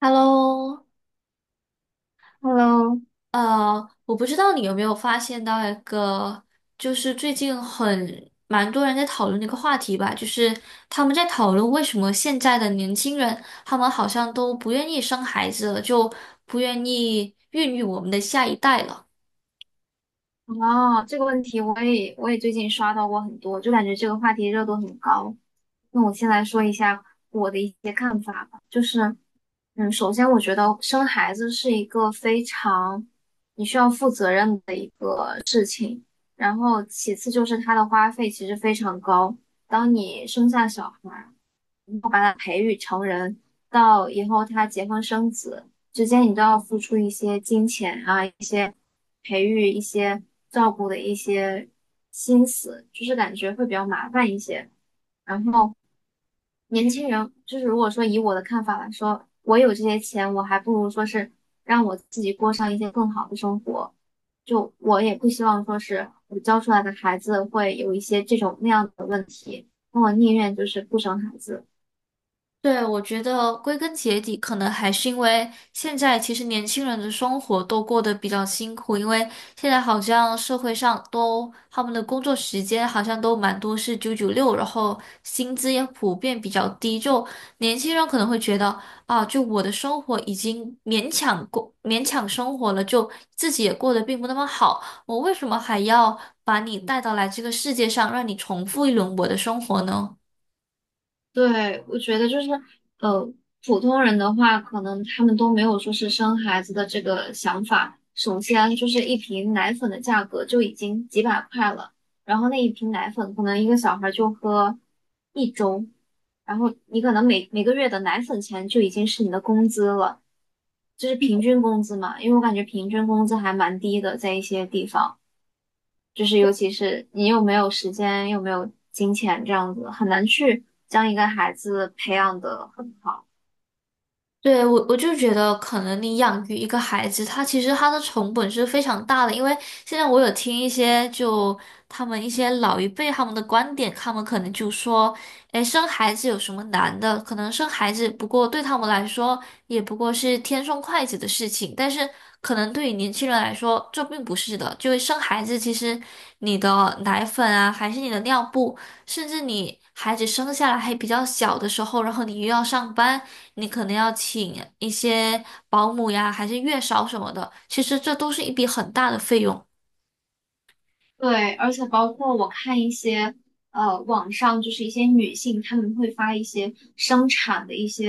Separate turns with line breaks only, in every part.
Hello,
Hello，
我不知道你有没有发现到一个，就是最近很蛮多人在讨论的一个话题吧，就是他们在讨论为什么现在的年轻人，他们好像都不愿意生孩子了，就不愿意孕育我们的下一代了。
哦，这个问题我也最近刷到过很多，就感觉这个话题热度很高。那我先来说一下我的一些看法吧，就是，首先我觉得生孩子是一个非常你需要负责任的一个事情，然后其次就是它的花费其实非常高。当你生下小孩到以后他结婚生子之间，你都要付出一些金钱啊。一些。培育一些照顾的一些心思，就是感觉会比较麻烦一些。然后年轻人，就是如果说以我的看法来说，我有这些钱，我还不如说是让我自己过上一些更好的生活。就我也不希望说是我教出来的孩子会有一些这种那样的问题，那我宁愿就是不生孩子。
对，我觉得归根结底，可能还是因为现在其实年轻人的生活都过得比较辛苦，因为现在好像社会上都他们的工作时间好像都蛮多是996，然后薪资也普遍比较低，就年轻人可能会觉得啊，就我的生活已经勉强生活了，就自己也过得并不那么好，我为什么还要把你带到来这个世界上，让你重复一轮我的生活呢？
对，我觉得就是，呃，普通人的话，可能他们都没有说是生孩子的这个想法。首先就是一瓶奶粉的价格就已经几百块了，然后那一瓶奶粉可能一个小孩就喝一周，然后你可能每个月的奶粉钱就已经是你的工资了，就是平均工资嘛，因为我感觉平均工资还蛮低的，在一些地方。就是尤其是你又没有时间，又没有金钱，这样子很难去将一个孩子培养得很好。
对，我就觉得，可能你养育一个孩子，他其实他的成本是非常大的。因为现在我有听一些就他们一些老一辈他们的观点，他们可能就说，哎，生孩子有什么难的？可能生孩子不过对他们来说，也不过是天生筷子的事情。但是可能对于年轻人来说，这并不是的。就是生孩子，其实你的奶粉啊，还是你的尿布，甚至你孩子生下来还比较小的时候，然后你又要上班。你可能要请一些保姆呀，还是月嫂什么的，其实这都是一笔很大的费用。
对，而且包括我看一些网上就是一些女性，她们会发一些生产的一些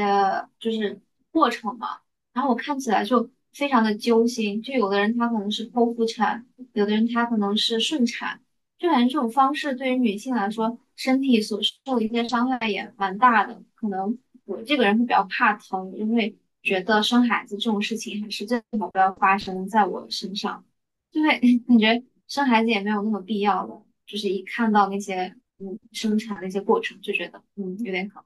就是过程嘛，然后我看起来就非常的揪心，就有的人她可能是剖腹产，有的人她可能是顺产，就感觉这种方式对于女性来说，身体所受的一些伤害也蛮大的。可能我这个人会比较怕疼，因为觉得生孩子这种事情还是最好不要发生在我身上。对，感觉生孩子也没有那么必要了，就是一看到那些生产的一些过程，就觉得有点可。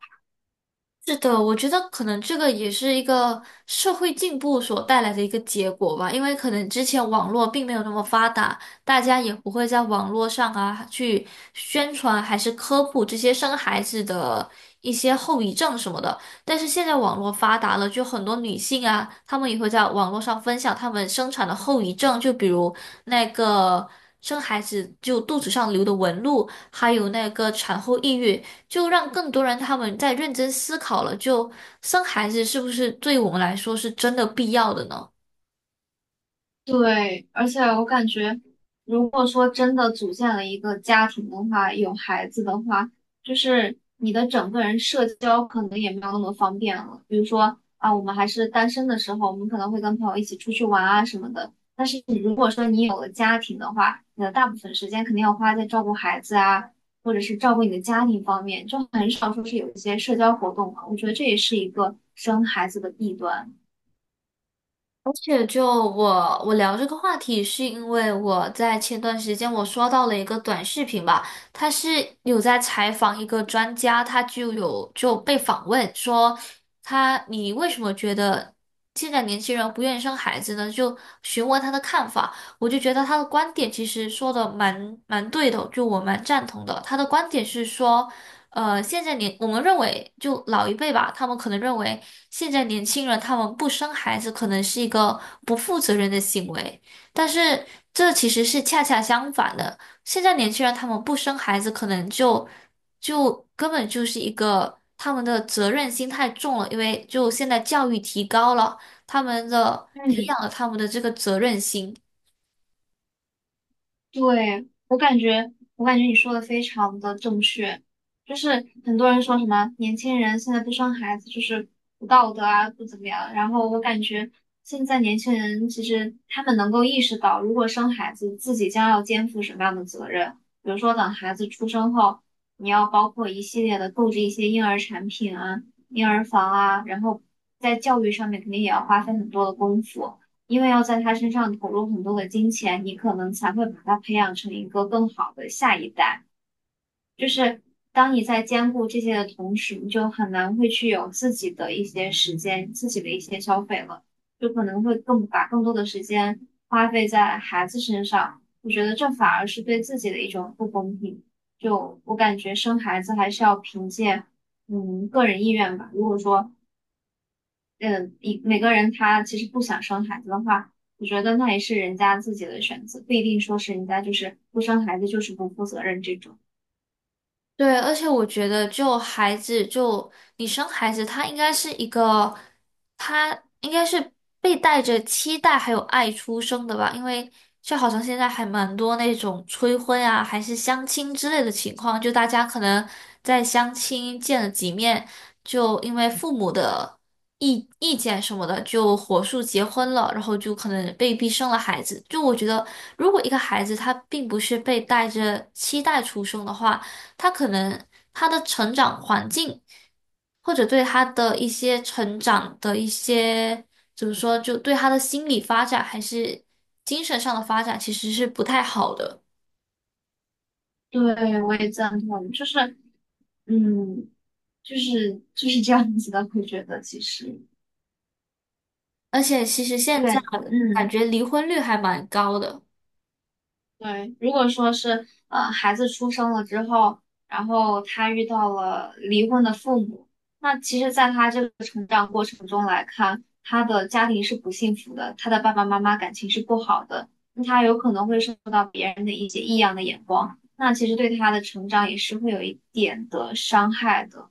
是的，我觉得可能这个也是一个社会进步所带来的一个结果吧，因为可能之前网络并没有那么发达，大家也不会在网络上啊去宣传还是科普这些生孩子的一些后遗症什么的。但是现在网络发达了，就很多女性啊，她们也会在网络上分享她们生产的后遗症，就比如那个生孩子就肚子上留的纹路，还有那个产后抑郁。就让更多人他们在认真思考了，就生孩子是不是对我们来说是真的必要的呢？
对，而且我感觉，如果说真的组建了一个家庭的话，有孩子的话，就是你的整个人社交可能也没有那么方便了。比如说啊，我们还是单身的时候，我们可能会跟朋友一起出去玩啊什么的。但是你如果说你有了家庭的话，你的大部分时间肯定要花在照顾孩子啊，或者是照顾你的家庭方面，就很少说是有一些社交活动了。我觉得这也是一个生孩子的弊端。
而且就我聊这个话题，是因为我在前段时间我刷到了一个短视频吧，他是有在采访一个专家，他就有就被访问说他你为什么觉得现在年轻人不愿意生孩子呢？就询问他的看法，我就觉得他的观点其实说的蛮对的，就我蛮赞同的。他的观点是说。现在我们认为，就老一辈吧，他们可能认为现在年轻人他们不生孩子，可能是一个不负责任的行为，但是这其实是恰恰相反的。现在年轻人他们不生孩子，可能就根本就是一个他们的责任心太重了，因为就现在教育提高了，他们的培养了他们的这个责任心。
对，我感觉你说的非常的正确，就是很多人说什么年轻人现在不生孩子就是不道德啊，不怎么样。然后我感觉现在年轻人其实他们能够意识到，如果生孩子，自己将要肩负什么样的责任，比如说等孩子出生后，你要包括一系列的购置一些婴儿产品啊、婴儿房啊，然后在教育上面肯定也要花费很多的功夫。因为要在他身上投入很多的金钱，你可能才会把他培养成一个更好的下一代。就是当你在兼顾这些的同时，你就很难会去有自己的一些时间、自己的一些消费了，就可能会更把更多的时间花费在孩子身上。我觉得这反而是对自己的一种不公平。就我感觉生孩子还是要凭借个人意愿吧。如果说嗯，每个人他其实不想生孩子的话，我觉得那也是人家自己的选择，不一定说是人家就是不生孩子就是不负责任这种。
对，而且我觉得，就孩子，就你生孩子，他应该是一个，他应该是被带着期待还有爱出生的吧？因为就好像现在还蛮多那种催婚啊，还是相亲之类的情况，就大家可能在相亲见了几面，就因为父母的意见什么的，就火速结婚了，然后就可能被逼生了孩子。就我觉得，如果一个孩子他并不是被带着期待出生的话，他可能他的成长环境，或者对他的一些成长的一些，怎么说，就对他的心理发展还是精神上的发展，其实是不太好的。
对，我也赞同，就是嗯，就是这样子的，会觉得其实
而且其实现在
对，
感
嗯。
觉离婚率还蛮高的。
对，如果说是孩子出生了之后，然后他遇到了离婚的父母，那其实，在他这个成长过程中来看，他的家庭是不幸福的，他的爸爸妈妈感情是不好的，那他有可能会受到别人的一些异样的眼光，那其实对他的成长也是会有一点的伤害的。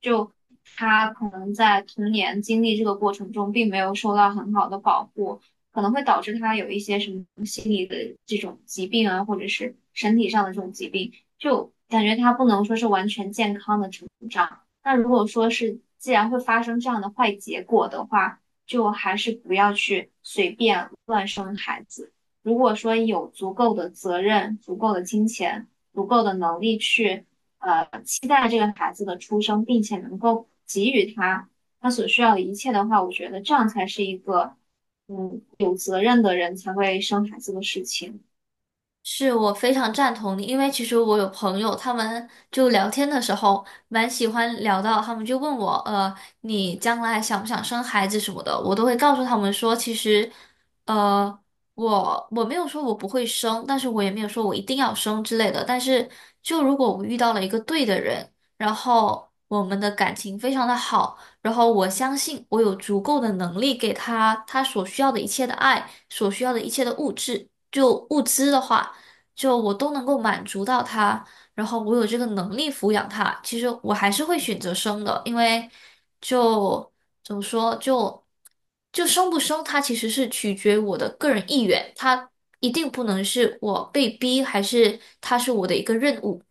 就他可能在童年经历这个过程中，并没有受到很好的保护，可能会导致他有一些什么心理的这种疾病啊，或者是身体上的这种疾病，就感觉他不能说是完全健康的成长。那如果说是既然会发生这样的坏结果的话，就还是不要去随便乱如果说有足够的责任、足够的金钱、足够的能力去期待这个孩子的出生，并且能够给予他他所需要的一切的话，我觉得这样才是一个有责任的人才会生孩子的事情。
是我非常赞同你，因为其实我有朋友，他们就聊天的时候蛮喜欢聊到，他们就问我，你将来想不想生孩子什么的，我都会告诉他们说，其实，呃，我没有说我不会生，但是我也没有说我一定要生之类的，但是就如果我遇到了一个对的人，然后我们的感情非常的好，然后我相信我有足够的能力给他他所需要的一切的爱，所需要的一切的物质，就物资的话。就我都能够满足到他，然后我有这个能力抚养他，其实我还是会选择生的，因为就怎么说，就生不生，它其实是取决于我的个人意愿，它一定不能是我被逼，还是它是我的一个任务。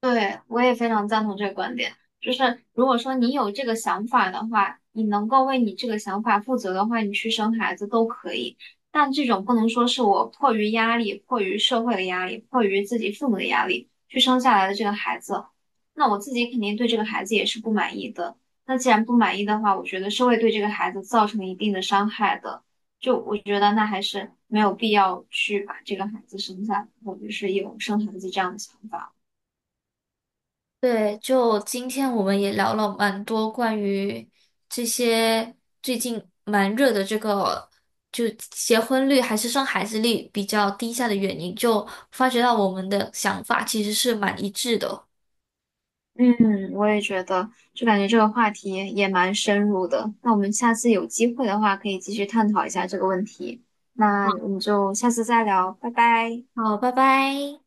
对，我也非常赞同这个观点。就是如果说你有这个想法的话，你能够为你这个想法负责的话，你去生孩子都可以。但这种不能说是我迫于压力、迫于社会的压力、迫于自己父母的压力去生下来的这个孩子，那我自己肯定对这个孩子也是不满意的。那既然不满意的话，我觉得是会对这个孩子造成一定的伤害的。就我觉得那还是没有必要去把这个孩子生下来，我就是有生孩子这样的想法。
对，就今天我们也聊了蛮多关于这些最近蛮热的这个，就结婚率还是生孩子率比较低下的原因，就发觉到我们的想法其实是蛮一致的哦。
嗯，我也觉得，就感觉这个话题也蛮深入的。那我们下次有机会的话，可以继续探讨一下这个问题。那我们就下次再聊，拜拜。
好，拜拜。